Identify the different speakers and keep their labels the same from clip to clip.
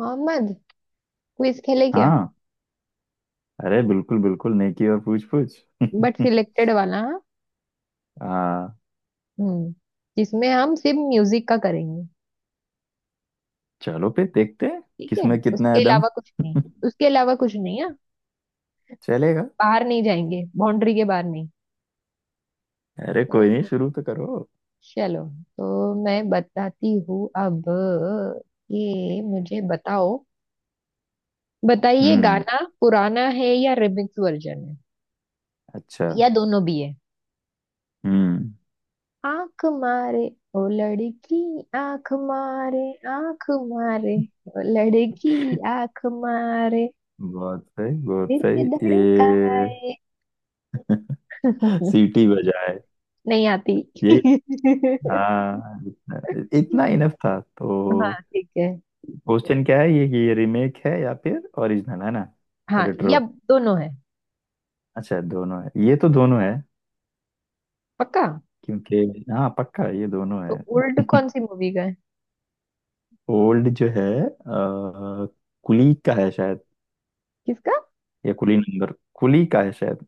Speaker 1: Mohammad. Quiz खेले क्या?
Speaker 2: हाँ। अरे बिल्कुल बिल्कुल, नेकी और पूछ पूछ।
Speaker 1: बट सिलेक्टेड वाला हाँ?
Speaker 2: हाँ।
Speaker 1: हम्म। जिसमें हम सिर्फ म्यूजिक का करेंगे।
Speaker 2: चलो फिर देखते हैं
Speaker 1: ठीक है।
Speaker 2: किसमें कितना है
Speaker 1: उसके
Speaker 2: दम।
Speaker 1: अलावा कुछ नहीं। उसके अलावा कुछ नहीं है।
Speaker 2: चलेगा।
Speaker 1: बाहर नहीं जाएंगे, बाउंड्री के बाहर नहीं।
Speaker 2: अरे कोई नहीं,
Speaker 1: तो
Speaker 2: शुरू तो करो।
Speaker 1: चलो। तो मैं बताती हूँ अब। ये मुझे बताओ, बताइए
Speaker 2: हम्म।
Speaker 1: गाना पुराना है या रिमिक्स वर्जन है
Speaker 2: अच्छा।
Speaker 1: या दोनों भी है।
Speaker 2: हम्म।
Speaker 1: आंख मारे, ओ लड़की आंख मारे, आंख मारे ओ लड़की आंख मारे,
Speaker 2: बहुत सही बहुत
Speaker 1: दिल
Speaker 2: सही,
Speaker 1: में
Speaker 2: ये
Speaker 1: धड़काए।
Speaker 2: सीटी बजाए,
Speaker 1: नहीं आती।
Speaker 2: यही। हाँ, इतना इनफ था तो।
Speaker 1: हाँ, ठीक है।
Speaker 2: क्वेश्चन क्या है ये कि ये रीमेक है या फिर ओरिजिनल है, ना?
Speaker 1: हाँ
Speaker 2: रेट्रो।
Speaker 1: या दोनों है,
Speaker 2: अच्छा दोनों है, ये तो दोनों है
Speaker 1: पक्का।
Speaker 2: क्योंकि हाँ पक्का ये दोनों
Speaker 1: तो
Speaker 2: है।
Speaker 1: उल्ट कौन सी मूवी का है?
Speaker 2: ओल्ड जो है कुली का है शायद,
Speaker 1: किसका?
Speaker 2: या कुली नंबर, कुली का है शायद।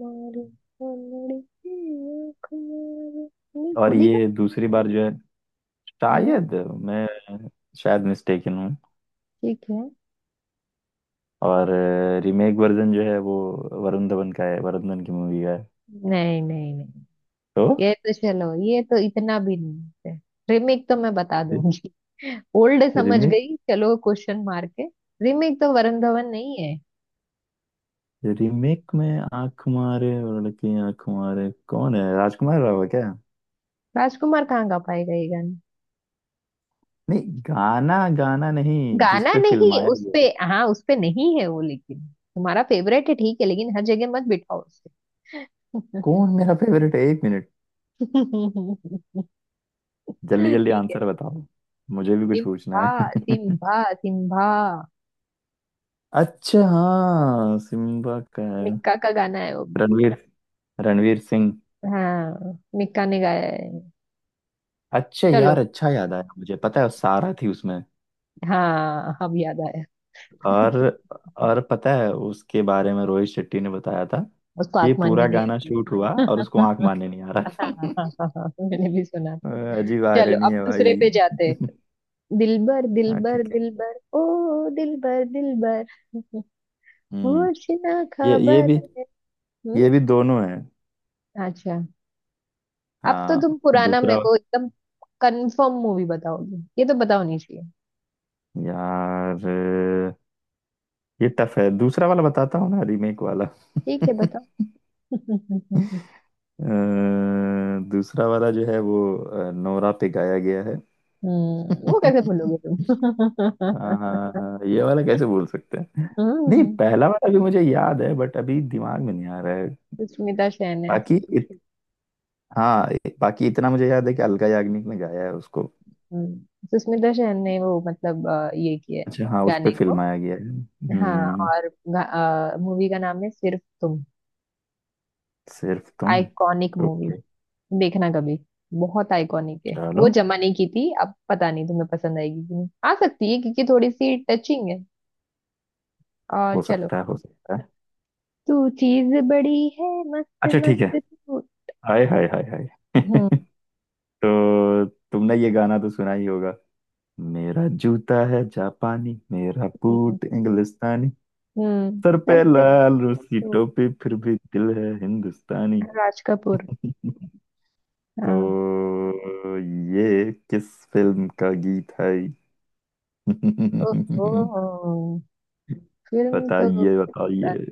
Speaker 1: मारे ओ लड़की आंख मारे। नहीं,
Speaker 2: और
Speaker 1: भूली का।
Speaker 2: ये दूसरी बार जो है
Speaker 1: हम्म,
Speaker 2: शायद, मैं शायद मिस्टेकन हूँ।
Speaker 1: ठीक है।
Speaker 2: और रीमेक वर्जन जो है वो वरुण धवन का है, वरुण धवन की मूवी का है
Speaker 1: नहीं नहीं नहीं,
Speaker 2: तो।
Speaker 1: ये तो चलो, ये तो इतना भी नहीं है। रिमेक तो मैं बता दूंगी। ओल्ड समझ
Speaker 2: रीमेक
Speaker 1: गई, चलो क्वेश्चन मार के। रिमेक तो वरुण धवन नहीं है।
Speaker 2: रीमेक में आंख मारे और लड़की आंख मारे कौन है, राजकुमार राव है क्या?
Speaker 1: राजकुमार कहाँ गा पाएगा ये गाना?
Speaker 2: नहीं, गाना गाना नहीं, जिस
Speaker 1: गाना
Speaker 2: पे
Speaker 1: नहीं,
Speaker 2: फिल्माया
Speaker 1: उसपे।
Speaker 2: गया।
Speaker 1: हाँ, उसपे नहीं है वो, लेकिन तुम्हारा फेवरेट है, ठीक है, लेकिन हर जगह मत बिठाओ उसे।
Speaker 2: कौन मेरा फेवरेट है, एक मिनट। जल्दी जल्दी
Speaker 1: ठीक है।
Speaker 2: आंसर बताओ, मुझे भी कुछ पूछना
Speaker 1: सिम्बा,
Speaker 2: है।
Speaker 1: सिम्बा सिम्बा।
Speaker 2: अच्छा हाँ, सिम्बा का है।
Speaker 1: मिक्का का गाना है वो भी।
Speaker 2: रणवीर, रणवीर सिंह।
Speaker 1: हाँ, मिक्का ने गाया है।
Speaker 2: अच्छा
Speaker 1: चलो।
Speaker 2: यार, अच्छा याद आया, मुझे पता है वो सारा थी उसमें।
Speaker 1: हाँ, अब याद आया।
Speaker 2: और और पता है उसके बारे में, रोहित शेट्टी ने बताया था
Speaker 1: उसको
Speaker 2: कि ये
Speaker 1: आंख मानने
Speaker 2: पूरा
Speaker 1: नहीं
Speaker 2: गाना
Speaker 1: आती।
Speaker 2: शूट हुआ और उसको आंख मारने नहीं आ रहा था।
Speaker 1: हाँ, मैंने भी सुना।
Speaker 2: अजीब
Speaker 1: चलो
Speaker 2: आयरनी
Speaker 1: अब
Speaker 2: है भाई।
Speaker 1: दूसरे पे जाते हैं। दिलबर
Speaker 2: हाँ
Speaker 1: दिलबर
Speaker 2: ठीक है।
Speaker 1: दिलबर, ओ दिलबर दिलबर,
Speaker 2: हम्म,
Speaker 1: होश ना
Speaker 2: ये
Speaker 1: खबर।
Speaker 2: भी,
Speaker 1: है। हम्म।
Speaker 2: ये भी दोनों है।
Speaker 1: अच्छा। अब तो
Speaker 2: हाँ।
Speaker 1: तुम पुराना मेरे
Speaker 2: दूसरा।
Speaker 1: को एकदम कंफर्म मूवी बताओगे, ये तो पता होनी चाहिए।
Speaker 2: यार ये टफ है, दूसरा वाला बताता हूँ ना, रीमेक वाला।
Speaker 1: ठीक है, बताओ।
Speaker 2: अ, दूसरा वाला जो है वो नोरा पे गाया गया है।
Speaker 1: हम्म, वो कैसे भूलोगे तुम।
Speaker 2: हाँ हाँ, ये वाला कैसे बोल सकते हैं। नहीं
Speaker 1: हम्म।
Speaker 2: पहला वाला भी मुझे याद है, बट अभी दिमाग में नहीं आ रहा है।
Speaker 1: सुष्मिता सेन है
Speaker 2: बाकी
Speaker 1: इसमें।
Speaker 2: इत, हाँ, बाकी इतना मुझे याद है कि अलका याग्निक ने गाया है उसको।
Speaker 1: हम्म। सुष्मिता सेन ने वो मतलब ये किया है
Speaker 2: अच्छा हाँ, उस पे
Speaker 1: गाने को।
Speaker 2: फिल्माया गया है।
Speaker 1: हाँ।
Speaker 2: हम्म।
Speaker 1: और मूवी का नाम है सिर्फ Tum.
Speaker 2: Sirf Tum.
Speaker 1: Iconic movie,
Speaker 2: okay.
Speaker 1: देखना कभी। बहुत आइकॉनिक है,
Speaker 2: चलो,
Speaker 1: वो जमाने की थी, अब पता नहीं तुम्हें पसंद आएगी कि नहीं, आ सकती है क्योंकि थोड़ी सी टचिंग है। और
Speaker 2: हो
Speaker 1: चलो।
Speaker 2: सकता है हो सकता है।
Speaker 1: तू चीज बड़ी है मस्त
Speaker 2: अच्छा ठीक है।
Speaker 1: मस्त तू।
Speaker 2: हाय हाय हाय हाय।
Speaker 1: हम्म
Speaker 2: तो तुमने ये गाना तो सुना ही होगा। मेरा जूता है जापानी, मेरा
Speaker 1: हम्म
Speaker 2: बूट इंग्लिस्तानी,
Speaker 1: हम्म।
Speaker 2: सर
Speaker 1: सर
Speaker 2: पे
Speaker 1: पे
Speaker 2: लाल रूसी
Speaker 1: तू
Speaker 2: टोपी, फिर भी दिल है हिंदुस्तानी।
Speaker 1: राज कपूर। हाँ।
Speaker 2: तो ये किस फिल्म का गीत है?
Speaker 1: ओ, ओ, फिल्म तो
Speaker 2: बताइए बताइए,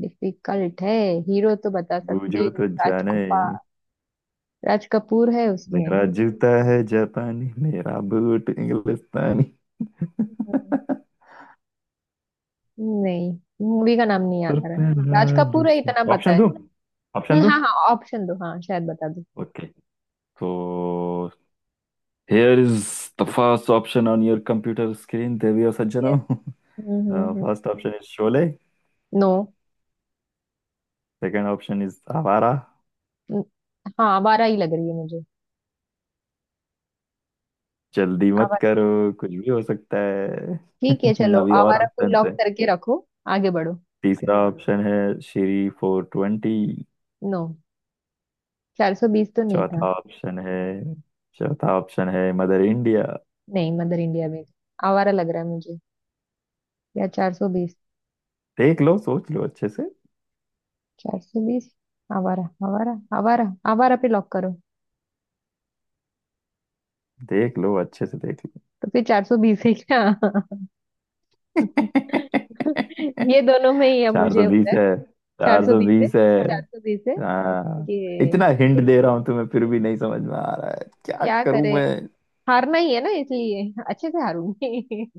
Speaker 1: डिफिकल्ट है। हीरो तो बता सकती
Speaker 2: बूझो तो
Speaker 1: हूँ,
Speaker 2: जाने।
Speaker 1: राजकुपा। राज कपूर है उसमें।
Speaker 2: मेरा जूता है जापानी, मेरा बूट इंग्लिस्तानी,
Speaker 1: नहीं, मूवी का नाम नहीं याद
Speaker 2: सर
Speaker 1: आ रहा है।
Speaker 2: पे
Speaker 1: राज
Speaker 2: लाल
Speaker 1: कपूर है
Speaker 2: रूसी।
Speaker 1: इतना पता
Speaker 2: ऑप्शन
Speaker 1: है।
Speaker 2: दो, ऑप्शन दो।
Speaker 1: हाँ हाँ ऑप्शन दो, हाँ शायद बता दो।
Speaker 2: ओके तो Here is the first option on your computer screen, Devi सज्जनों।
Speaker 1: ये
Speaker 2: The first option is Sholay.
Speaker 1: No.
Speaker 2: Second option is Awara.
Speaker 1: हाँ आवारा ही लग रही है मुझे।
Speaker 2: जल्दी मत
Speaker 1: आवारा ही।
Speaker 2: करो, कुछ भी हो सकता है।
Speaker 1: ठीक है, चलो
Speaker 2: अभी और
Speaker 1: आवारा को
Speaker 2: ऑप्शन है।
Speaker 1: लॉक करके रखो। आगे बढ़ो।
Speaker 2: तीसरा ऑप्शन है श्री फोर ट्वेंटी।
Speaker 1: नो, 420 तो नहीं था।
Speaker 2: चौथा ऑप्शन है, चौथा ऑप्शन है मदर इंडिया।
Speaker 1: नहीं, मदर इंडिया में। आवारा लग रहा है मुझे, या 420।
Speaker 2: देख लो सोच लो अच्छे से,
Speaker 1: 420, आवारा आवारा आवारा। आवारा पे लॉक करो।
Speaker 2: देख लो अच्छे से, देख लो।
Speaker 1: तो फिर 420 है क्या? ये दोनों में ही अब
Speaker 2: चार
Speaker 1: मुझे
Speaker 2: सौ
Speaker 1: हो
Speaker 2: बीस
Speaker 1: रहा है।
Speaker 2: है,
Speaker 1: चार
Speaker 2: चार
Speaker 1: सौ
Speaker 2: सौ
Speaker 1: बीस है।
Speaker 2: बीस है।
Speaker 1: 420 है।
Speaker 2: हाँ,
Speaker 1: ओके।
Speaker 2: इतना हिंट
Speaker 1: ठीक
Speaker 2: दे
Speaker 1: है,
Speaker 2: रहा हूं तुम्हें, फिर भी नहीं समझ में आ रहा है, क्या
Speaker 1: क्या
Speaker 2: करूं
Speaker 1: करे,
Speaker 2: मैं।
Speaker 1: हारना ही है ना, इसलिए अच्छे से हारूंगी।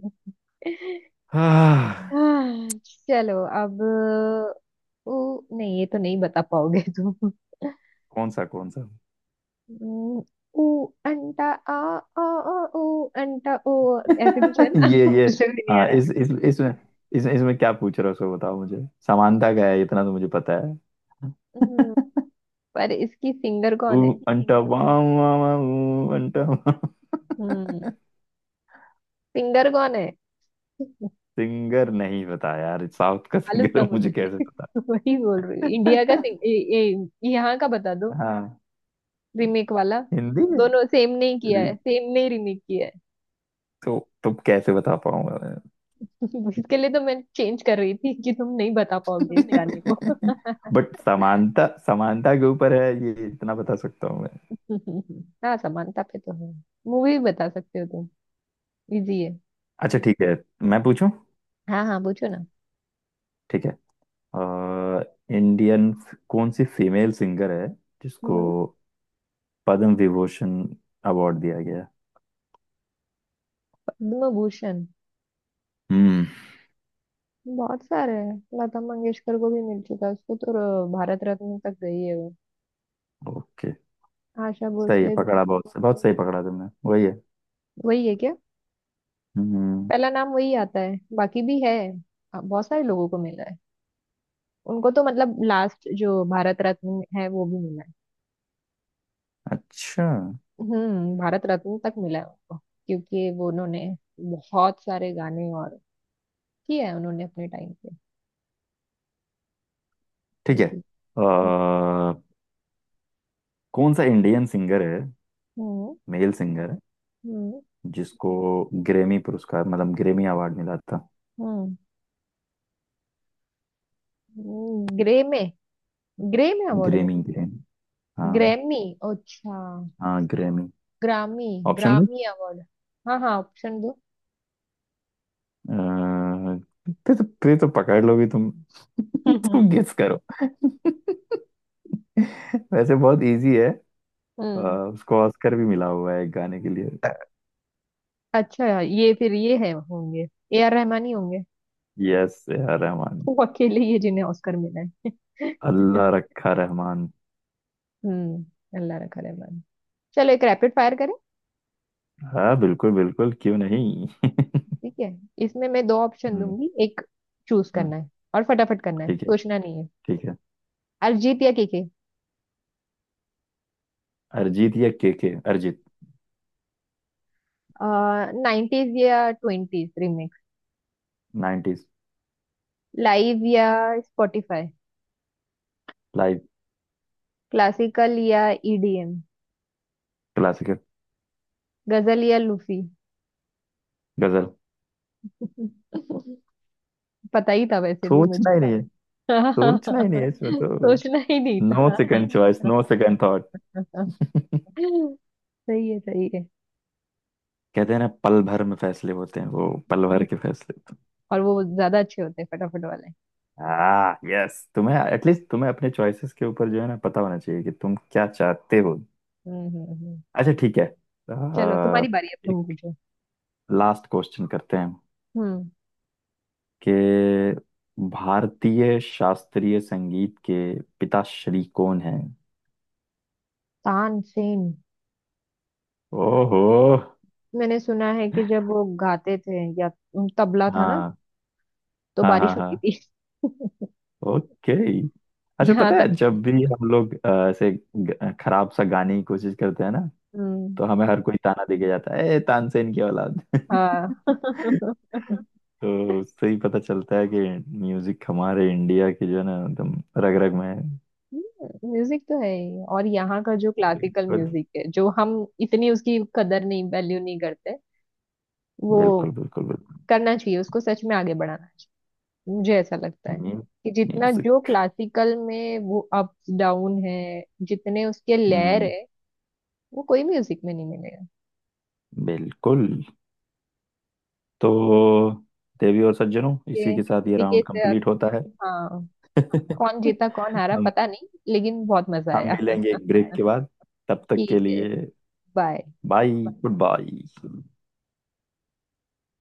Speaker 2: हाँ।
Speaker 1: आह, चलो अब। ऊ, नहीं ये तो नहीं बता पाओगे तुम।
Speaker 2: कौन सा कौन सा।
Speaker 1: हम्म, ऊ अंटा आ आ आ ऊ अंटा ओ, ऐसे कुछ है ना।
Speaker 2: ये ये।
Speaker 1: कुछ भी नहीं आ
Speaker 2: हाँ
Speaker 1: रहा
Speaker 2: इसमें क्या पूछ रहे हो उसको, बताओ मुझे समानता क्या है, इतना तो मुझे पता है।
Speaker 1: है। पर इसकी सिंगर
Speaker 2: ऊ
Speaker 1: कौन है।
Speaker 2: अंटा वाम वाम वाम, ऊ अंटा वाम।
Speaker 1: हम्म, सिंगर कौन है।
Speaker 2: सिंगर नहीं पता यार, साउथ का
Speaker 1: मालूम
Speaker 2: सिंगर
Speaker 1: था
Speaker 2: है मुझे
Speaker 1: मुझे।
Speaker 2: कैसे पता।
Speaker 1: वही बोल रही हूँ इंडिया का सिंग- ए, ए, यहाँ का बता दो।
Speaker 2: हाँ,
Speaker 1: रीमेक वाला।
Speaker 2: हिंदी में।
Speaker 1: दोनों सेम नहीं किया
Speaker 2: अरे,
Speaker 1: है, सेम नहीं, रीमेक किया है।
Speaker 2: तो तुम कैसे बता पाऊंगा।
Speaker 1: इसके लिए तो मैं चेंज कर रही थी कि तुम नहीं बता पाओगे इस गाने
Speaker 2: मैं?
Speaker 1: को।
Speaker 2: बट समानता, समानता के ऊपर है ये, इतना बता सकता हूँ मैं।
Speaker 1: हाँ, समानता पे तो है। मूवी बता सकते हो तुम, इजी है।
Speaker 2: अच्छा ठीक है। मैं पूछूं?
Speaker 1: हाँ हाँ पूछो ना।
Speaker 2: ठीक है। अ, इंडियन कौन सी फीमेल सिंगर है जिसको
Speaker 1: हम्म,
Speaker 2: पद्म विभूषण अवार्ड दिया गया है?
Speaker 1: पद्म भूषण।
Speaker 2: हम्म।
Speaker 1: बहुत सारे हैं। लता मंगेशकर को भी मिल चुका है, उसको तो भारत रत्न तक गई है वो।
Speaker 2: ओके।
Speaker 1: आशा
Speaker 2: सही है,
Speaker 1: भोसले भी।
Speaker 2: पकड़ा, बहुत बहुत सही पकड़ा तुमने, वही है।
Speaker 1: वही है क्या?
Speaker 2: हम्म।
Speaker 1: पहला नाम वही आता है, बाकी भी है। बहुत सारे लोगों को मिला है। उनको तो मतलब लास्ट जो भारत रत्न है वो भी मिला है।
Speaker 2: अच्छा
Speaker 1: हम्म, भारत रत्न तक मिला है उनको। क्योंकि वो उन्होंने बहुत सारे गाने और किए हैं उन्होंने अपने टाइम पे
Speaker 2: ठीक है।
Speaker 1: इसलिए।
Speaker 2: कौन सा इंडियन सिंगर है,
Speaker 1: हम्म
Speaker 2: मेल सिंगर है,
Speaker 1: हम्म
Speaker 2: जिसको ग्रेमी पुरस्कार, मतलब ग्रेमी अवार्ड मिला था?
Speaker 1: हम्म Grammy, Grammy award
Speaker 2: Grammy,
Speaker 1: मिला।
Speaker 2: ग्रेमी। हाँ
Speaker 1: ग्रैमी, अच्छा।
Speaker 2: हाँ, ग्रेमी।
Speaker 1: ग्रामी,
Speaker 2: ऑप्शन दो।
Speaker 1: Grammy award. हाँ हाँ ऑप्शन दो।
Speaker 2: फिर तो पकड़ लोगी तुम। तुम गेस करो, वैसे बहुत इजी है। अ,
Speaker 1: हम्म।
Speaker 2: उसको ऑस्कर भी मिला हुआ है एक गाने के लिए।
Speaker 1: अच्छा ये फिर ये है होंगे, ए आर रहमान ही होंगे।
Speaker 2: यस, ए आर रहमान,
Speaker 1: वो अकेले ही है जिन्हें ऑस्कर मिला है।
Speaker 2: अल्लाह रखा रहमान।
Speaker 1: हम्म, अल्लाह रखा रहमान। चलो एक रैपिड फायर करें।
Speaker 2: हाँ बिल्कुल बिल्कुल, क्यों नहीं।
Speaker 1: ठीक है। इसमें मैं दो ऑप्शन
Speaker 2: हम्म,
Speaker 1: दूंगी, एक चूज
Speaker 2: हम्म।
Speaker 1: करना है और फटाफट करना है,
Speaker 2: ठीक है,
Speaker 1: सोचना नहीं है।
Speaker 2: ठीक है।
Speaker 1: अरिजीत या केके।
Speaker 2: अरिजीत या के के? अरिजीत।
Speaker 1: नाइन्टीज या ट्वेंटीज रिमिक्स।
Speaker 2: 90s।
Speaker 1: लाइव या स्पॉटिफाई।
Speaker 2: लाइव।
Speaker 1: क्लासिकल या ईडीएम।
Speaker 2: क्लासिकल।
Speaker 1: गजल या लूफी।
Speaker 2: गजल।
Speaker 1: पता ही था वैसे भी मुझे।
Speaker 2: सोचना ही नहीं है, सोचना ही नहीं है इसमें तो,
Speaker 1: सोचना ही नहीं
Speaker 2: नो
Speaker 1: था।
Speaker 2: Second choice, no second thought.
Speaker 1: सही है सही है।
Speaker 2: कहते हैं ना, पल भर में फैसले होते हैं, वो पल भर के फैसले तो।
Speaker 1: और वो ज्यादा अच्छे होते हैं फटाफट वाले।
Speaker 2: हाँ यस, तुम्हें एटलीस्ट तुम्हें अपने चॉइसेस के ऊपर जो है ना, पता होना चाहिए कि तुम क्या चाहते हो।
Speaker 1: हम्म हम्म हम्म।
Speaker 2: अच्छा ठीक है।
Speaker 1: चलो
Speaker 2: अह,
Speaker 1: तुम्हारी बारी अब, तुम
Speaker 2: एक
Speaker 1: पूछो।
Speaker 2: लास्ट क्वेश्चन करते हैं
Speaker 1: हम्म।
Speaker 2: कि भारतीय शास्त्रीय संगीत के पिताश्री कौन हैं?
Speaker 1: तानसेन।
Speaker 2: ओहो।
Speaker 1: मैंने सुना है कि जब वो गाते थे या तबला था ना,
Speaker 2: हाँ
Speaker 1: तो
Speaker 2: हाँ हाँ
Speaker 1: बारिश
Speaker 2: हाँ।
Speaker 1: होती थी।
Speaker 2: ओके। अच्छा
Speaker 1: यहाँ
Speaker 2: पता है,
Speaker 1: तक
Speaker 2: जब
Speaker 1: सुना।
Speaker 2: भी हम लोग ऐसे खराब सा गाने की कोशिश करते हैं ना,
Speaker 1: हम्म।
Speaker 2: तो हमें हर कोई ताना देके जाता है, ए तानसेन की औलाद।
Speaker 1: हाँ।
Speaker 2: तो उससे ही पता चलता है कि म्यूजिक हमारे इंडिया के जो है ना, एकदम रग रग में है।
Speaker 1: म्यूजिक तो है ही, और यहाँ का जो क्लासिकल
Speaker 2: बिल्कुल
Speaker 1: म्यूजिक है जो हम इतनी उसकी कदर नहीं, वैल्यू नहीं करते वो,
Speaker 2: बिल्कुल बिल्कुल। बिल्कुल।
Speaker 1: करना चाहिए उसको सच में आगे बढ़ाना, मुझे ऐसा लगता है कि जितना जो
Speaker 2: म्यूजिक।
Speaker 1: क्लासिकल में वो अप्स डाउन है, जितने उसके लेयर
Speaker 2: हम्म।
Speaker 1: है वो कोई म्यूजिक में नहीं मिलेगा।
Speaker 2: बिल्कुल। तो देवी और सज्जनों, इसी
Speaker 1: ये
Speaker 2: के साथ ये
Speaker 1: इसी के
Speaker 2: राउंड
Speaker 1: साथ।
Speaker 2: कंप्लीट होता है।
Speaker 1: हाँ। कौन जीता कौन हारा
Speaker 2: हम
Speaker 1: पता नहीं, लेकिन बहुत मजा
Speaker 2: हम
Speaker 1: आया।
Speaker 2: मिलेंगे एक ब्रेक के बाद, तब तक के
Speaker 1: ठीक है,
Speaker 2: लिए
Speaker 1: बाय।
Speaker 2: Bye, good bye.